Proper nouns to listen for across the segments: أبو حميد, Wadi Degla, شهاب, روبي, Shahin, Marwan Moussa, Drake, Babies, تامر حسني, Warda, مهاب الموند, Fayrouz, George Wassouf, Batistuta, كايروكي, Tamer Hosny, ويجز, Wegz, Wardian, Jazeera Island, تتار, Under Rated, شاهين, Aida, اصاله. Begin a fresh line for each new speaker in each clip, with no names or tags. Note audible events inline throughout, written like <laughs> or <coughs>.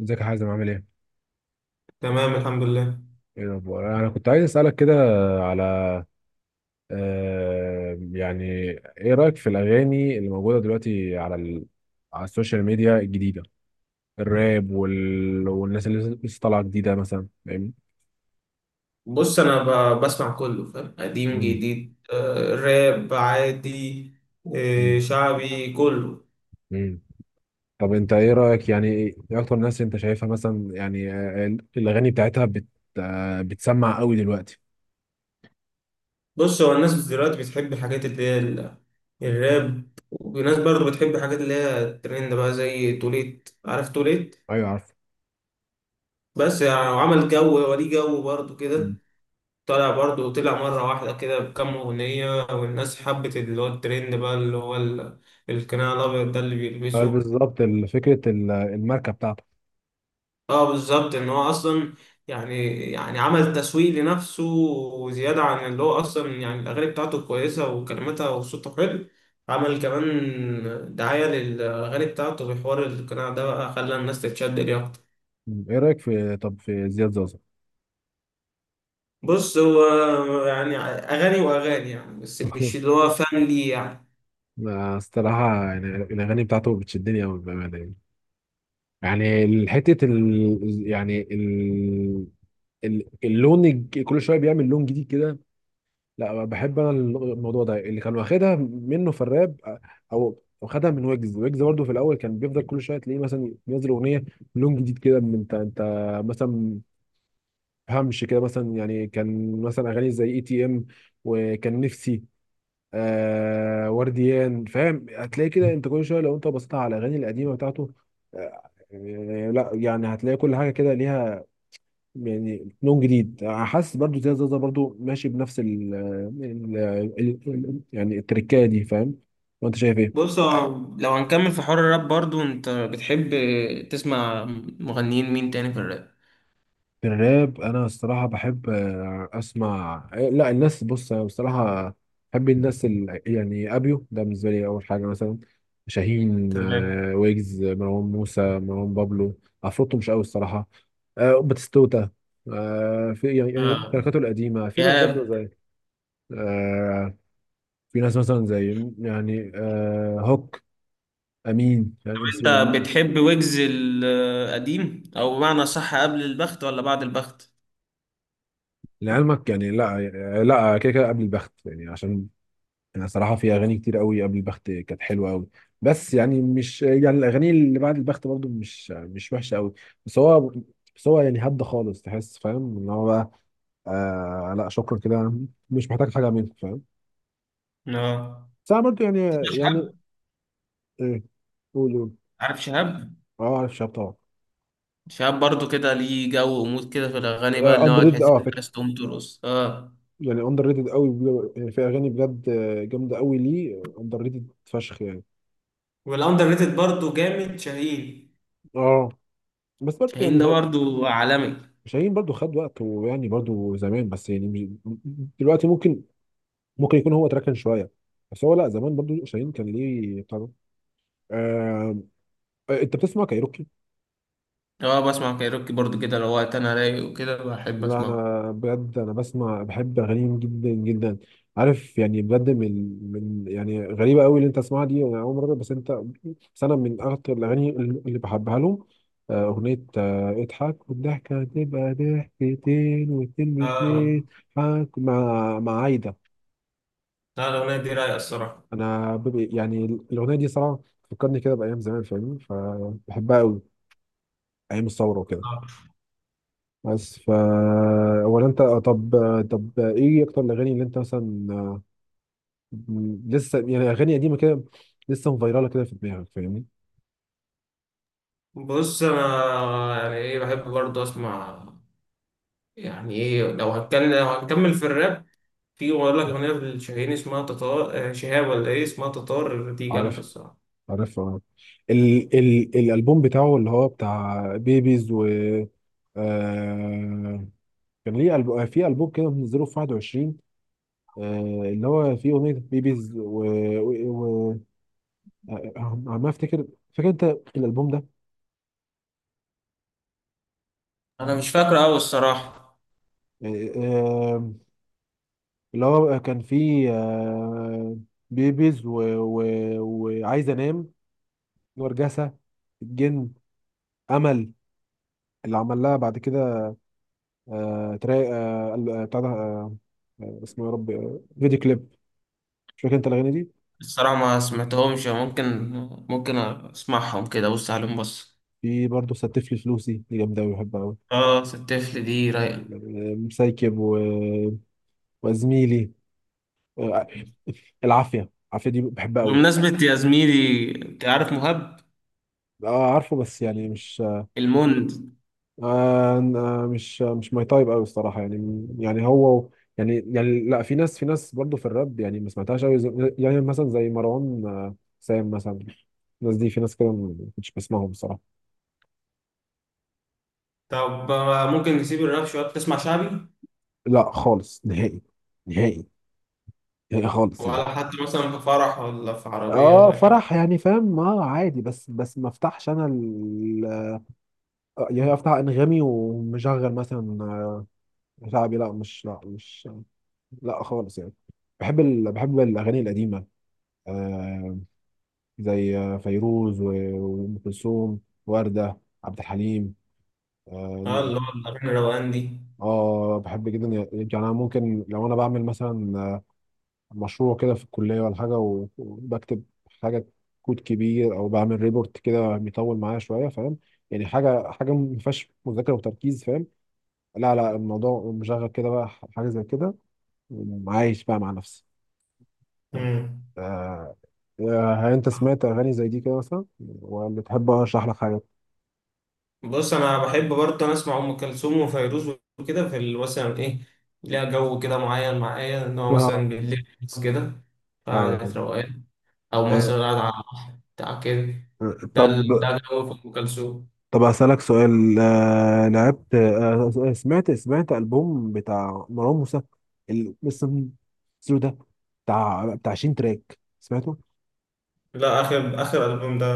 ازيك يا حازم عامل ايه؟
تمام، الحمد لله.
ايه الاخبار؟ انا كنت عايز اسالك كده على آه يعني ايه رايك في الاغاني اللي موجوده دلوقتي على على السوشيال ميديا الجديده، الراب والناس اللي لسه طالعه جديده مثلا، فاهمني؟
بص، انا بسمع كله، فاهم؟ قديم
مم.
جديد، راب عادي.
مم.
شعبي كله.
مم. طب انت ايه رايك؟ يعني ايه اكتر ناس انت شايفها مثلا؟ يعني الاغاني بتاعتها آه، بتسمع قوي دلوقتي.
بص، هو الناس دلوقتي بتحب الحاجات اللي هي الراب، وناس برضو بتحب الحاجات اللي هي الترند بقى، زي توليت، عارف توليت؟
ايوه عارف.
بس يعني عمل جو، وليه جو برضو كده.
مم.
طلع برضو، طلع مرة واحدة كده بكام أغنية، والناس حبت اللي هو الترند بقى، اللي هو القناع الأبيض ده اللي بيلبسه.
بالظبط، فكره الماركه بتاعته.
اه، بالظبط. ان هو اصلا يعني عمل تسويق لنفسه، وزياده عن اللي هو اصلا يعني الاغاني بتاعته كويسه، وكلماتها وصوته حلو. عمل كمان دعايه للاغاني بتاعته في حوار القناع ده، بقى خلى الناس تتشد ليه اكتر.
مم. ايه رايك في، طب في زياد زوزو؟
بص، هو يعني اغاني واغاني يعني، بس مش اللي
<laughs>
هو فن ليه يعني.
أنا الصراحة يعني الأغاني بتاعته بتشدني أوي بأمانة يعني. يعني حتة ال يعني ال ال- اللون، كل شوية بيعمل لون جديد كده. لا بحب أنا الموضوع ده، اللي كان واخدها منه في الراب أو خدها من ويجز. ويجز برضه في الأول كان بيفضل كل شوية تلاقيه مثلا ينزل أغنية لون جديد كده، من أنت مثلا. همش كده مثلا، يعني كان مثلا أغاني زي اي تي ام، وكان نفسي آه، ورديان. فاهم؟ هتلاقي كده انت كل شويه، لو انت بصيت على الاغاني القديمه بتاعته لا يعني هتلاقي كل حاجه كده ليها يعني لون جديد. حاسس برضو زي زازا برضو ماشي بنفس يعني التركايه دي، فاهم؟ وانت شايف ايه؟
بص، هو لو هنكمل في حوار الراب، برضو انت بتحب تسمع مغنيين مين تاني في الراب؟
الراب انا الصراحه بحب اسمع. لا الناس، بص انا بصراحه بحب يعني ابيو ده بالنسبه لي اول حاجه مثلا، شاهين،
تمام.
ويجز، مروان موسى، مروان بابلو، عفروتو مش قوي الصراحه، باتيستوتا، في يعني، يعني
آه،
تركاته القديمه. في ناس برضه
شهاب.
زي آه، في ناس مثلا زي يعني هوك، امين يعني، ام سي
انت
امين.
بتحب ويجز القديم، او بمعنى صح، قبل البخت ولا بعد البخت؟
لعلمك يعني، لا لا كده كده، قبل البخت يعني. عشان انا صراحه في اغاني كتير قوي قبل البخت كانت حلوه قوي، بس يعني مش يعني الاغاني اللي بعد البخت برضو مش وحشه قوي. بس هو بس هو يعني هدى خالص، تحس فاهم ان هو بقى آه، لا شكرا كده، مش محتاج حاجه منك، فاهم؟
اه،
بس انا برضو يعني، يعني آه، قول.
عارف شهاب.
اه عارف شاب طبعا.
شهاب برضو كده ليه جو ومود كده في الاغاني، بقى اللي
اندر
هو
ريتد، اه underrated
تحس
أوي على
انك
فكره.
عايز تقوم ترقص، اه.
يعني اندر ريتد قوي يعني في اغاني بجد جامده قوي، ليه اندر ريتد فشخ يعني؟
والاندر ريتد برضه جامد، شاهين.
اه، بس برضو
شاهين ده
يعني،
برضو عالمي.
شاهين برضو خد وقت، ويعني برضو زمان، بس يعني مش دلوقتي. ممكن ممكن يكون هو تركن شويه، بس هو لا، زمان برضو شاهين كان ليه طبعا. آه... انت بتسمع كايروكي؟
اه، بسمع كايروكي برضو كده، لو وقت انا رايق وكده بحب
لا
اسمعه.
انا بجد انا بسمع، بحب اغانيهم جدا جدا. عارف يعني بجد، من يعني غريبه قوي اللي انت تسمعها دي، انا اول مره. بس انت، بس انا من اكتر الاغاني اللي بحبها لهم اغنيه اضحك والضحكه هتبقى ضحكتين، واتنين
اه،
باتنين، حك مع عايده.
لا الاغنيه دي رايقه الصراحه.
انا يعني الاغنيه دي صراحه فكرني كده بايام زمان، فاهمني؟ فبحبها قوي. ايام الثوره وكده.
آه.
بس فا، ولا انت؟ طب، طب ايه اكتر الاغاني اللي انت مثلا لسه يعني اغاني قديمه كده، لسه مفيراله كده في دماغك، فاهمني؟
بص، انا يعني ايه بحب برضه اسمع، يعني ايه، لو هتكلم، لو هنكمل في الراب. في، بقول لك أغنية لشاهين اسمها تتار. شهاب، ولا إيه اسمها؟ تتار دي جامدة
عارف
الصراحة.
عارف اه ال ال الالبوم بتاعه، اللي هو بتاع بيبيز و آه، كان ليه في ألبوم كده منزله في 21 آه، اللي هو فيه أغنية و... عم افتكر. فاكر انت الالبوم ده؟
انا مش فاكره أوي الصراحه.
يعني اللي هو كان فيه بيبيز و... و... وعايز انام، ورجسة الجن، امل، اللي عمل لها بعد كده تراي آه، ال- آه، بتاع ده آه، آه، اسمه يا رب فيديو كليب. مش فاكر انت الاغاني دي؟
الصراحه ما سمعتهمش. ممكن اسمعهم كده، بص عليهم، بص.
في برضه ستف لي فلوسي، دي جامده أوي بحبها قوي.
اه، الطفل دي رايقه.
مسايكب و... وزميلي آه، العافيه دي بحبها قوي.
بمناسبه يا زميلي، انت عارف مهاب
اه عارفه، بس يعني مش
الموند؟
أنا مش ماي تايب قوي الصراحه. يعني يعني هو يعني يعني لا في ناس، في ناس برضو في الراب يعني ما سمعتهاش قوي يعني مثلا زي مروان سام مثلا. الناس دي، في ناس كده ما كنتش بسمعهم الصراحه.
طب، ممكن نسيب الراب شوية تسمع شعبي؟
لا خالص، نهائي، نهائي، نهائي خالص يعني.
ولا حتى مثلا في فرح، ولا في عربية، ولا
اه
أي حاجة؟
فرح يعني فاهم، اه عادي، بس ما افتحش انا يعني افتح انغامي ومشغل مثلا شعبي. لا مش لا خالص يعني. بحب بحب الاغاني القديمه آه، زي فيروز وأم كلثوم، وردة، عبد الحليم،
آه،
اه.
اللي هو الأغاني الروقان دي.
بحب جدا يعني. أنا ممكن لو أنا بعمل مثلا مشروع كده في الكلية ولا حاجة، وبكتب حاجة، كود كبير، أو بعمل ريبورت كده بيطول معايا شوية، فاهم؟ يعني حاجة ما فيهاش مذاكرة وتركيز، فاهم؟ لا لا، الموضوع مشغل كده بقى حاجة زي كده وعايش بقى مع نفسي. فاهم؟
مم.
آه، هل انت سمعت اغاني زي دي كده مثلا؟ ولا تحب اشرح لك
بص، انا بحب برضه انا اسمع ام كلثوم وفيروز، وكده في مثلا ايه، ليها جو كده معين معايا، ان هو
حاجه؟
مثلا بالليل بس كده.
ايوه
قاعدة
فهمت.
روقان، او
آه،
مثلا قاعد على بتاع كده،
آه، طب
ده جو في ام كلثوم.
طب هسألك سؤال آه، لعبت آه، سمعت سمعت ألبوم بتاع مروان موسى، بس السلو ده، بتاع 20 تراك، سمعته؟
لا، اخر اخر البوم ده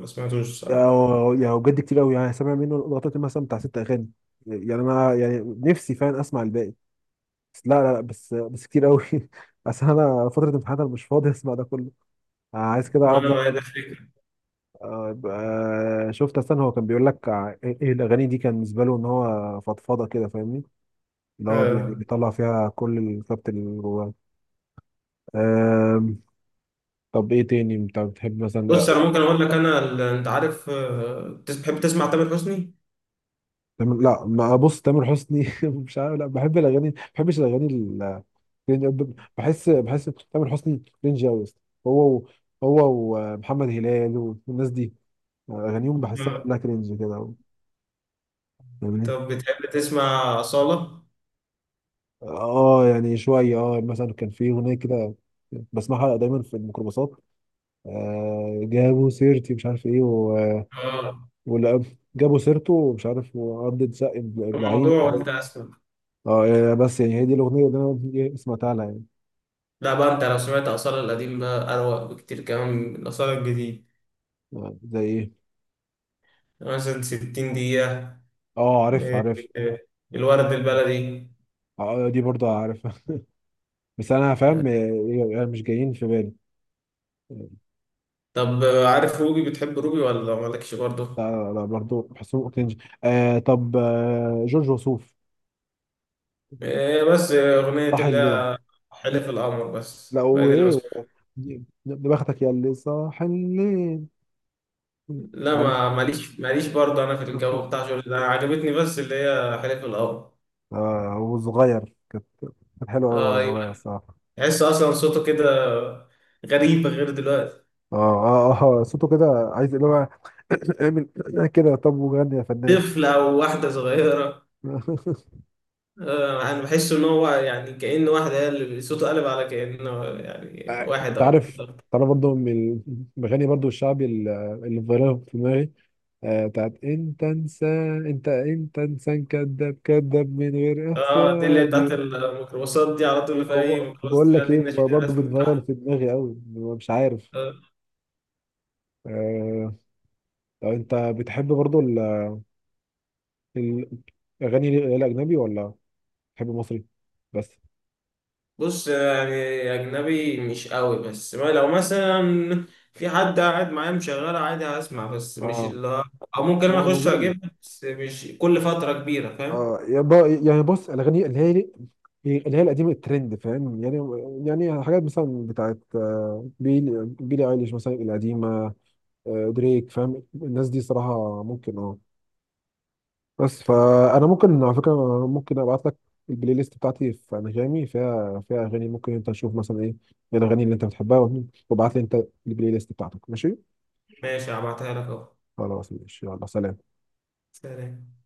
ما سمعتوش الصراحه.
يعني بجد كتير قوي. يعني سامع منه لغاية مثلا بتاع ست أغاني. يعني أنا يعني نفسي فعلا أسمع الباقي، بس لا لا لا، بس بس كتير قوي. <laughs> بس أنا فترة امتحانات، أنا مش فاضي أسمع ده كله. عايز كده
انا
أفضل.
ما ده فكره.
طيب، يبقى شفت. استنى هو كان بيقول لك ايه الاغاني دي كان بالنسبه له ان هو فضفضه كده، فاهمني؟ اللي هو يعني
آه.
بيطلع فيها كل الكبت اللي جواه. آم، طب ايه تاني انت بتحب مثلا
بص، انا ممكن اقول لك، انا انت عارف، بتحب تسمع تامر حسني؟
تامر؟ لا، ما بص تامر حسني <laughs> مش عارف، لا بحب الاغاني، ما بحبش الاغاني بحس تامر حسني رينج قوي، هو و- هو ومحمد هلال والناس دي اغانيهم بحسها
آه.
كلها كرنج كده، فاهمني؟
طب، بتحب تسمع اصاله؟
اه يعني شويه. اه مثلا كان في اغنيه كده بسمعها دايما في الميكروباصات، آه جابوا سيرتي مش عارف ايه
اه،
ولا جابوا سيرته ومش عارف، وعضة ساق ابن ابن عيني
الموضوع،
حاجة.
وانت اسمع.
اه يعني بس يعني هي دي الاغنيه اللي انا إيه سمعتها لها يعني.
لا بقى، انت لو سمعت آثار القديم بقى أروق بكتير كمان من آثار الجديد.
زي ايه؟
يعني مثلا 60 دقيقة.
اه عارف
إيه،
عارف
إيه، الورد البلدي.
اه دي برضه عارفها <laughs> بس انا فاهم يعني مش جايين في بالي.
طب، عارف روبي؟ بتحب روبي ولا مالكش برضه؟
لا لا، برضه بحسهم كرنج. آه طب جورج وسوف،
إيه، بس أغنية
صح
اللي
الليل.
هي حلف القمر، بس
لا
هي دي اللي بس.
وايه، بختك يا اللي صاح الليل.
لا،
عارف
ما ماليش برضه، أنا في الجو بتاع شغل ده عجبتني بس اللي هي حلف القمر.
آه، هو صغير كانت، كانت حلوه قوي
آه،
وهو
أيوه.
صغير الصراحه.
تحس أصلا صوته كده غريب، غير دلوقتي.
اه اه اه صوته كده عايز اللي هو <coughs> اعمل كده، طب وغني يا فنان.
طفل، أو واحدة صغيرة.
<laughs>
انا بحس ان هو يعني كأن واحدة هي اللي صوته قلب على كأنه، يعني واحد
انت
او
عارف،
أكتر.
تعرف برضه من المغني برضه الشعبي اللي فايرال في دماغي بتاعت انت انسان، انت انسان كذاب، كذاب من غير
اه، دي اللي هي
احساس.
بتاعت الميكروباصات، دي على
إيه
طول في اي ميكروباص
بقول
تلاقيها،
لك
دي
ايه،
النشيد
برضه
الرسمي
بتغير
بتاعها.
في دماغي قوي مش عارف.
آه.
آه... طب انت بتحب برضه ال- الاغاني الاجنبي، ولا بتحب مصري بس؟
بص يعني، اجنبي مش قوي، بس ما لو مثلا في حد قاعد معايا مشغله عادي هسمع، بس مش
اه
اللي هو- او ممكن انا
اه
اخش
مزاجي.
اجيبها، بس مش كل فترة كبيرة، فاهم؟
اه يعني بص الاغاني اللي هي القديمه الترند، فاهم يعني؟ يعني حاجات مثلا بتاعت بيلي ايليش مثلا القديمه، دريك، فاهم؟ الناس دي صراحه ممكن، اه. بس
تمام.
فانا ممكن على فكره ممكن ابعت لك البلاي ليست بتاعتي في انغامي، فيها اغاني ممكن انت تشوف مثلا ايه الاغاني اللي انت بتحبها، وابعت لي انت البلاي ليست بتاعتك، ماشي؟
ماشي، هبعتها لك اهو.
خلاص ماشي، يلا سلام.
سلام.